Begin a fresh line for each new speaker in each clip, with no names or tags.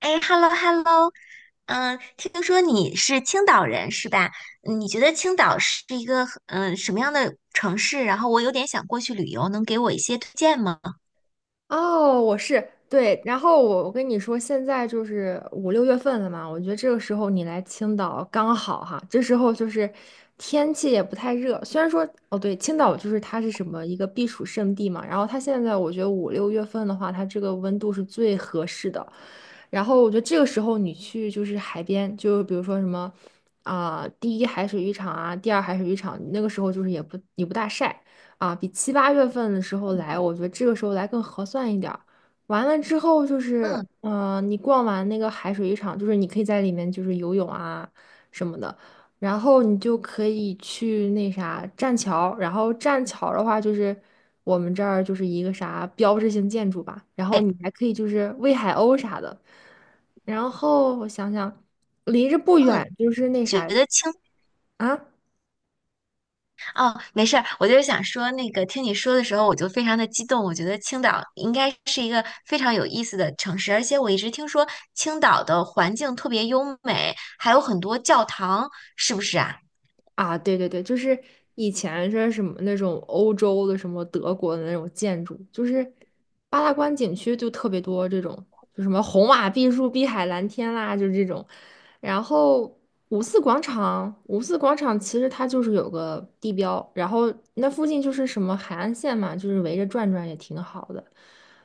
哎，hello hello，嗯，听说你是青岛人是吧？嗯，你觉得青岛是一个什么样的城市？然后我有点想过去旅游，能给我一些推荐吗？
哦，我是对，然后我跟你说，现在就是五六月份了嘛，我觉得这个时候你来青岛刚好哈，这时候就是天气也不太热，虽然说哦对，青岛就是它是什么一个避暑胜地嘛，然后它现在我觉得五六月份的话，它这个温度是最合适的，然后我觉得这个时候你去就是海边，就比如说什么啊、第一海水浴场啊，第二海水浴场，那个时候就是也不大晒。啊，比七八月份的时候来，我觉得这个时候来更合算一点儿。完了之后就是，
嗯
你逛完那个海水浴场，就是你可以在里面就是游泳啊什么的，然后你就可以去那啥栈桥，然后栈桥的话就是我们这儿就是一个啥标志性建筑吧，然后你还可以就是喂海鸥啥的，然后我想想，离着不
嗯，
远就是那
觉
啥
得青
啊。
哦，没事儿，我就是想说那个，听你说的时候我就非常的激动，我觉得青岛应该是一个非常有意思的城市，而且我一直听说青岛的环境特别优美，还有很多教堂，是不是啊？
啊，对对对，就是以前是什么那种欧洲的什么德国的那种建筑，就是八大关景区就特别多这种，就什么红瓦碧树、碧海蓝天啦，就这种。然后五四广场，五四广场其实它就是有个地标，然后那附近就是什么海岸线嘛，就是围着转转也挺好的。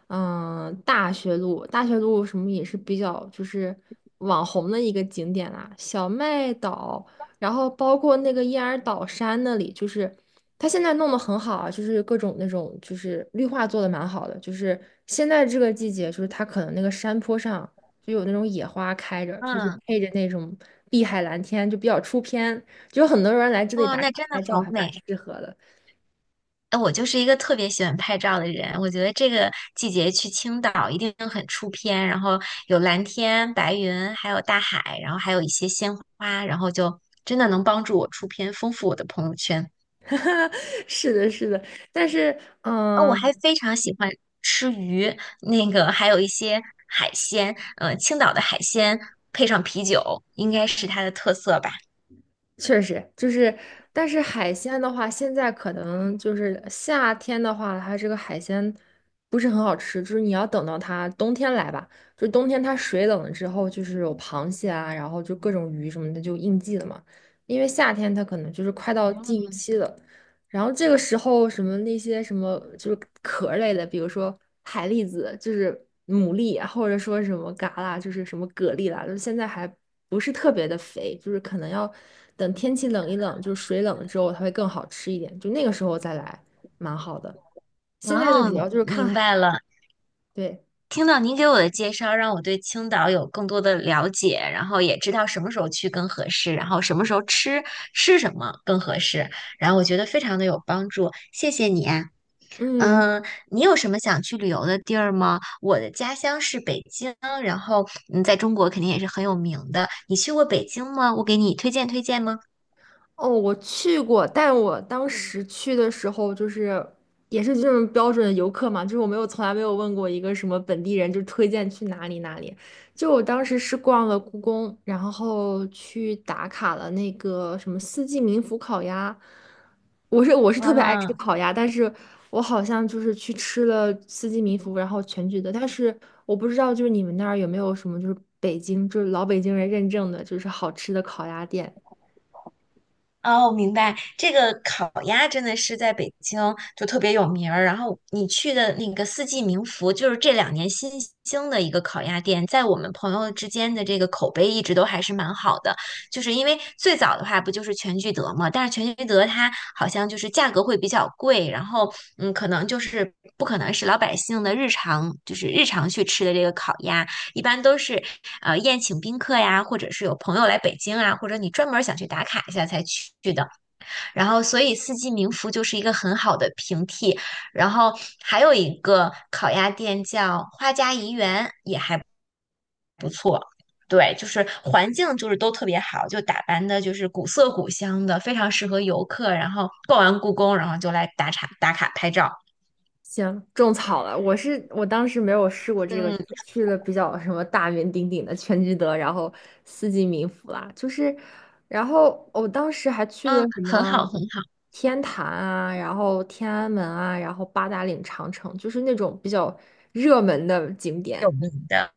嗯，大学路，大学路什么也是比较就是网红的一个景点啦，小麦岛。然后包括那个燕儿岛山那里，就是它现在弄得很好啊，就是各种那种就是绿化做的蛮好的，就是现在这个季节，就是它可能那个山坡上就有那种野花开着，就是
嗯，
配着那种碧海蓝天，就比较出片，就有很多人来这里
哇，
打
那
卡
真的
拍照，
好
还蛮
美。
适合的。
哎，我就是一个特别喜欢拍照的人，我觉得这个季节去青岛一定很出片，然后有蓝天、白云，还有大海，然后还有一些鲜花，然后就真的能帮助我出片，丰富我的朋友圈。
是的，是的，但是
哦，
嗯。
我
呃
还非常喜欢吃鱼，那个还有一些海鲜，青岛的海鲜配上啤酒，应该是它的特色吧。
确实就是，但是海鲜的话，现在可能就是夏天的话，它这个海鲜不是很好吃，就是你要等到它冬天来吧，就冬天它水冷了之后，就是有螃蟹啊，然后就各种鱼什么的就应季了嘛，因为夏天它可能就是快到禁渔期了，然后这个时候什么那些什么就是壳儿类的，比如说海蛎子，就是牡蛎啊或者说什么蛤啦，就是什么蛤蜊啦，就是现在还不是特别的肥，就是可能要等天气冷一冷，就是水冷了之后，它会更好吃一点，就那个时候再来，蛮好的。现在哦的主
哦，
要就是看
明
海，
白了。
对，
听到您给我的介绍，让我对青岛有更多的了解，然后也知道什么时候去更合适，然后什么时候吃吃什么更合适，然后我觉得非常的有帮助，谢谢你啊。
嗯，
嗯，你有什么想去旅游的地儿吗？我的家乡是北京，然后在中国肯定也是很有名的。你去过北京吗？我给你推荐推荐吗？
哦，我去过，但我当时去的时候就是也是这种标准的游客嘛，就是我没有从来没有问过一个什么本地人，就推荐去哪里哪里。就我当时是逛了故宫，然后去打卡了那个什么四季民福烤鸭。我是特别爱吃
啊，
烤鸭，但是我好像就是去吃了四季民福，然后全聚德，但是我不知道就是你们那儿有没有什么就是北京就是老北京人认证的就是好吃的烤鸭店。
哦，明白。这个烤鸭真的是在北京就特别有名儿。然后你去的那个四季民福，就是这两年新兴的一个烤鸭店，在我们朋友之间的这个口碑一直都还是蛮好的。就是因为最早的话不就是全聚德嘛，但是全聚德它好像就是价格会比较贵，然后可能就是不可能是老百姓的日常，就是日常去吃的这个烤鸭。一般都是宴请宾客呀，或者是有朋友来北京啊，或者你专门想去打卡一下才去的。然后，所以四季民福就是一个很好的平替。然后还有一个烤鸭店叫花家怡园。对，就是环境就是都特别好，就打扮的就是古色古香的，非常适合游客。然后逛完故宫，然后就来打卡打卡拍照。
行，种草了。我当时没有试过这个，
嗯
就是去了比较什么大名鼎鼎的全聚德，然后四季民福啦，就是，然后我当时还去了
嗯，
什
很
么
好很好，
天坛啊，然后天安门啊，然后八达岭长城，就是那种比较热门的景
有
点。
名的。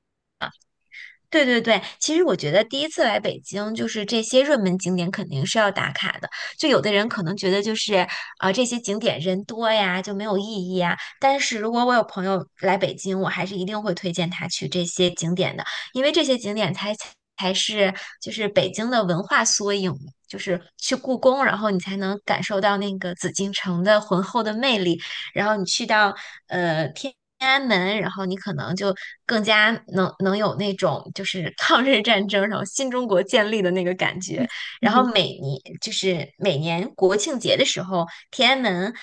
对对对，其实我觉得第一次来北京，就是这些热门景点肯定是要打卡的。就有的人可能觉得就是啊、这些景点人多呀，就没有意义啊。但是如果我有朋友来北京，我还是一定会推荐他去这些景点的，因为这些景点才是就是北京的文化缩影嘛。就是去故宫，然后你才能感受到那个紫禁城的浑厚的魅力。然后你去到天安门，然后你可能就更加能有那种就是抗日战争，然后新中国建立的那个感觉。然后 每年就是每年国庆节的时候，天安门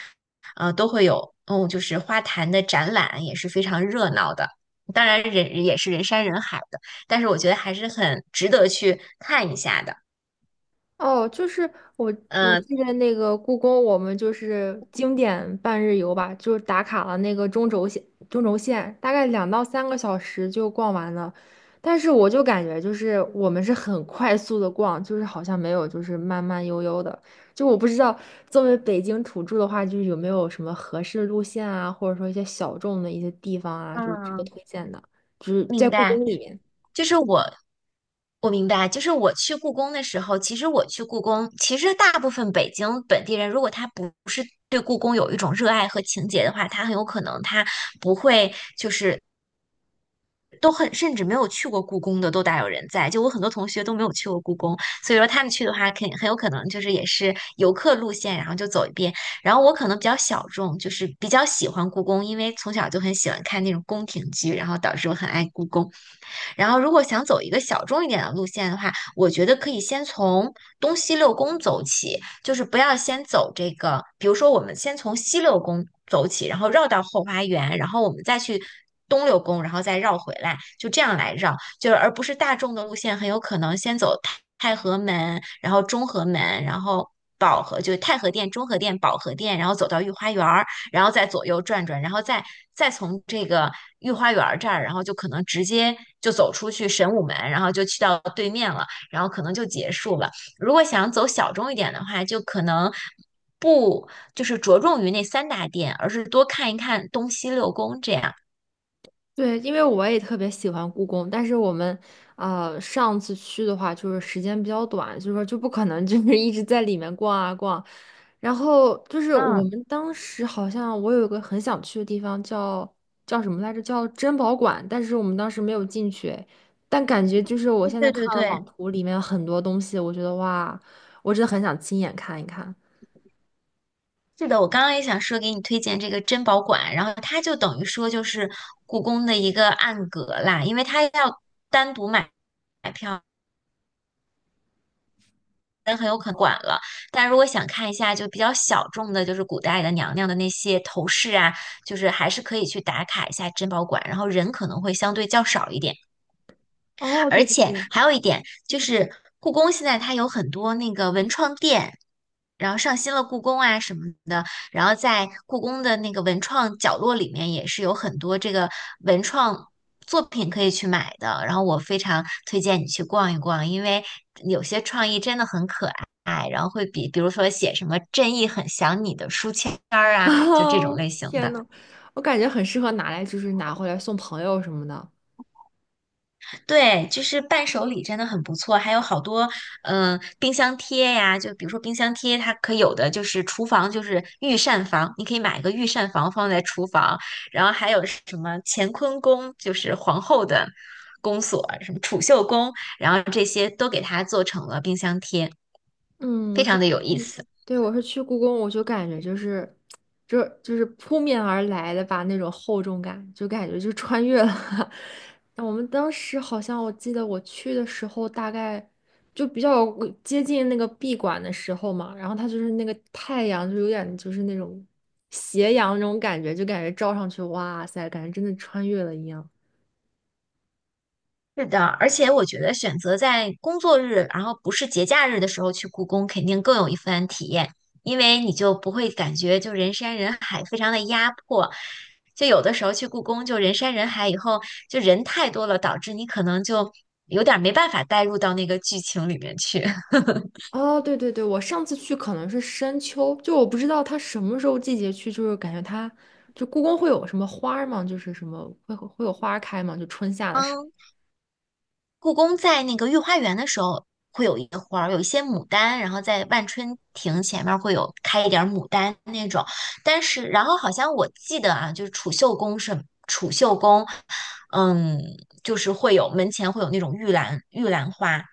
都会有就是花坛的展览，也是非常热闹的。当然人也是人山人海的，但是我觉得还是很值得去看一下的。
哦，就是我我
呃，
记得那个故宫，我们就是经典半日游吧，就是打卡了那个中轴线，中轴线大概2到3个小时就逛完了。但是我就感觉就是我们是很快速的逛，就是好像没有就是慢慢悠悠的。就我不知道作为北京土著的话，就是有没有什么合适路线啊，或者说一些小众的一些地方啊，就是值得
嗯，
推荐的，就是在
明
故
白。
宫里面。
就是我明白，就是我去故宫的时候，其实我去故宫，其实大部分北京本地人，如果他不是对故宫有一种热爱和情结的话，他很有可能他不会，就是都很，甚至没有去过故宫的都大有人在。就我很多同学都没有去过故宫，所以说他们去的话，肯很有可能就是也是游客路线，然后就走一遍。然后我可能比较小众，就是比较喜欢故宫，因为从小就很喜欢看那种宫廷剧，然后导致我很爱故宫。然后，如果想走一个小众一点的路线的话，我觉得可以先从东西六宫走起，就是不要先走这个，比如说我们先从西六宫走起，然后绕到后花园，然后我们再去东六宫，然后再绕回来，就这样来绕，就是而不是大众的路线，很有可能先走太和门，然后中和门，然后。保和就是太和殿、中和殿、保和殿，然后走到御花园儿，然后再左右转转，然后再从这个御花园这儿，然后就可能直接就走出去神武门，然后就去到对面了，然后可能就结束了。如果想走小众一点的话，就可能不就是着重于那三大殿，而是多看一看东西六宫这样。
对，因为我也特别喜欢故宫，但是我们上次去的话，就是时间比较短，就是说就不可能就是一直在里面逛啊逛。然后就是我
嗯，
们当时好像我有一个很想去的地方叫什么来着？叫珍宝馆，但是我们当时没有进去。但感觉就是我现在
对
看
对
了
对。
网图里面很多东西，我觉得哇，我真的很想亲眼看一看。
是的，我刚刚也想说给你推荐这个珍宝馆，然后它就等于说就是故宫的一个暗格啦，因为它要单独买。买票。人很有可能管了。但如果想看一下就比较小众的，就是古代的娘娘的那些头饰啊，就是还是可以去打卡一下珍宝馆，然后人可能会相对较少一点。
哦，
而
对对
且
对。
还有一点就是，故宫现在它有很多那个文创店，然后上新了故宫啊什么的，然后在故宫的那个文创角落里面也是有很多这个文创作品可以去买的。然后我非常推荐你去逛一逛，因为有些创意真的很可爱，然后会比如说写什么“正义很想你”的书签儿 啊，就这种类
哦，
型
天
的。
呐，我感觉很适合拿来，就是拿回来送朋友什么的。
对，就是伴手礼真的很不错，还有好多冰箱贴呀，就比如说冰箱贴，它可有的就是厨房就是御膳房，你可以买一个御膳房放在厨房，然后还有什么乾坤宫，就是皇后的宫锁，什么储秀宫，然后这些都给它做成了冰箱贴，
嗯，
非
我是
常的有意
去，
思。
对，我是去故宫，我就感觉就是，就是扑面而来的吧，那种厚重感，就感觉就穿越了。我们当时好像我记得我去的时候，大概就比较接近那个闭馆的时候嘛，然后它就是那个太阳就有点就是那种斜阳那种感觉，就感觉照上去，哇塞，感觉真的穿越了一样。
是的，而且我觉得选择在工作日，然后不是节假日的时候去故宫，肯定更有一番体验，因为你就不会感觉就人山人海，非常的压迫。就有的时候去故宫，就人山人海，以后就人太多了，导致你可能就有点儿没办法带入到那个剧情里面去。
哦，对对对，我上次去可能是深秋，就我不知道它什么时候季节去，就是感觉它就故宫会有什么花儿吗？就是什么会有花儿开吗？就春夏的时候。
嗯，故宫在那个御花园的时候会有一个花儿，有一些牡丹，然后在万春亭前面会有开一点儿牡丹那种。但是，然后好像我记得啊，就是储秀宫是储秀宫，嗯，就是会有门前会有那种玉兰花，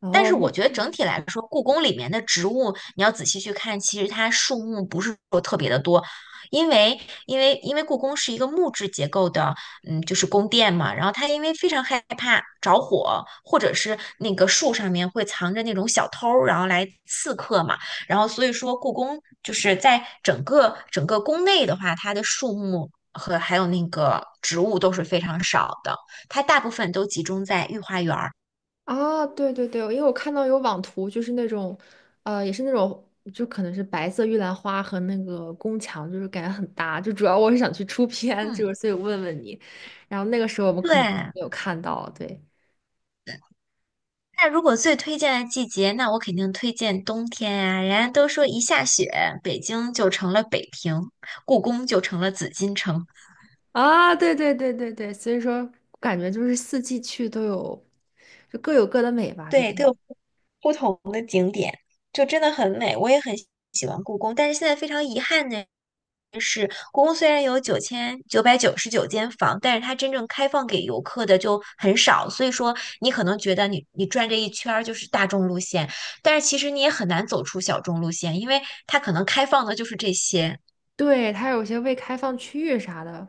然
但
后
是我觉得整体来说，故宫里面的植物，你要仔细去看，其实它树木不是说特别的多，因为故宫是一个木质结构的，就是宫殿嘛。然后它因为非常害怕着火，或者是那个树上面会藏着那种小偷儿然后来刺客嘛。然后所以说，故宫就是在整个整个宫内的话，它的树木和还有那个植物都是非常少的，它大部分都集中在御花园儿。
啊，对对对，因为我看到有网图，就是那种也是那种就可能是白色玉兰花和那个宫墙，就是感觉很搭。就主要我是想去出片，就
嗯，
是所以问问你，然后那个时候我们可能
对。
没有看到，对。
那如果最推荐的季节，那我肯定推荐冬天呀、人家都说一下雪，北京就成了北平，故宫就成了紫禁城，
啊，对对对对对，所以说感觉就是四季去都有，就各有各的美吧，就
对，
这
都
样。
有不同，就真的很美。我也很喜欢故宫，但是现在非常遗憾呢，故宫虽然有9999间房，但是它真正开放给游客的就很少，所以说你可能觉得你转这一圈儿就是大众路线，但是其实你也很难走出小众路线，因为它可能开放的就是这些。
对，它有些未开放区域啥的，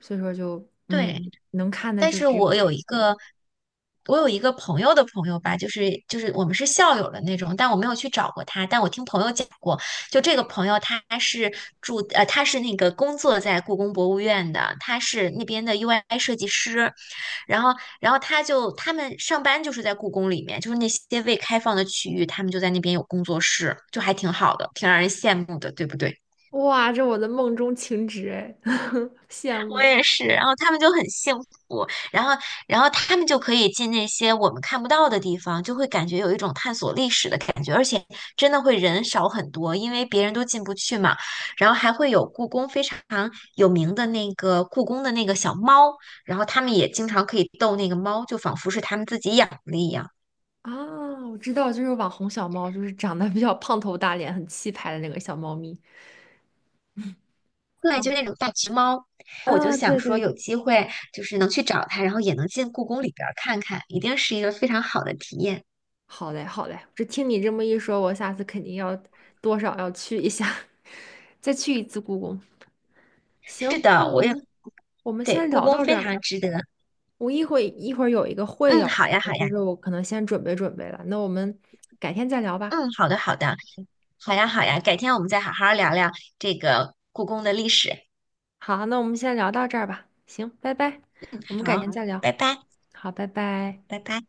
所以说就
对。
能看的
但
就
是
只有
我
这
有一
些。
个，我有一个朋友的朋友吧，就是我们是校友的那种，但我没有去找过他，但我听朋友讲过，就这个朋友他是他是那个工作在故宫博物院的，他是那边的 UI 设计师，然后他就他们上班就是在故宫里面，就是那些未开放的区域，他们就在那边有工作室，就还挺好的，挺让人羡慕的，对不对？
哇，这我的梦中情植哎，羡
我
慕
也是，然后他们就很幸福，然后，他们就可以进那些我们看不到的地方，就会感觉有一种探索历史的感觉，而且真的会人少很多，因为别人都进不去嘛。然后还会有故宫非常有名的那个故宫的那个小猫，然后他们也经常可以逗那个猫，就仿佛是他们自己养的一样。
啊！我知道，就是网红小猫，就是长得比较胖头大脸、很气派的那个小猫咪。
对，就那种大橘猫，我就
啊，
想
对
说
对对。
有机会就是能去找它，然后也能进故宫里边儿看看，一定是一个非常好的体验。
好嘞，好嘞，这听你这么一说，我下次肯定要多少要去一下，再去一次故宫。
是
行，那
的，
我
我也
们我们
对
先
故
聊
宫
到这
非
儿吧。
常值得。
我一会儿有一个会
嗯，
要
好呀，
开，
好呀，
就是我可能先准备准备了。那我们改天再聊吧。
嗯，好的，好的，好呀，好呀，改天我们再好好聊聊这个故宫的历史。
好，那我们先聊到这儿吧。行，拜拜，我们改
好，
天好再聊。
拜拜，
好，拜拜。
拜拜。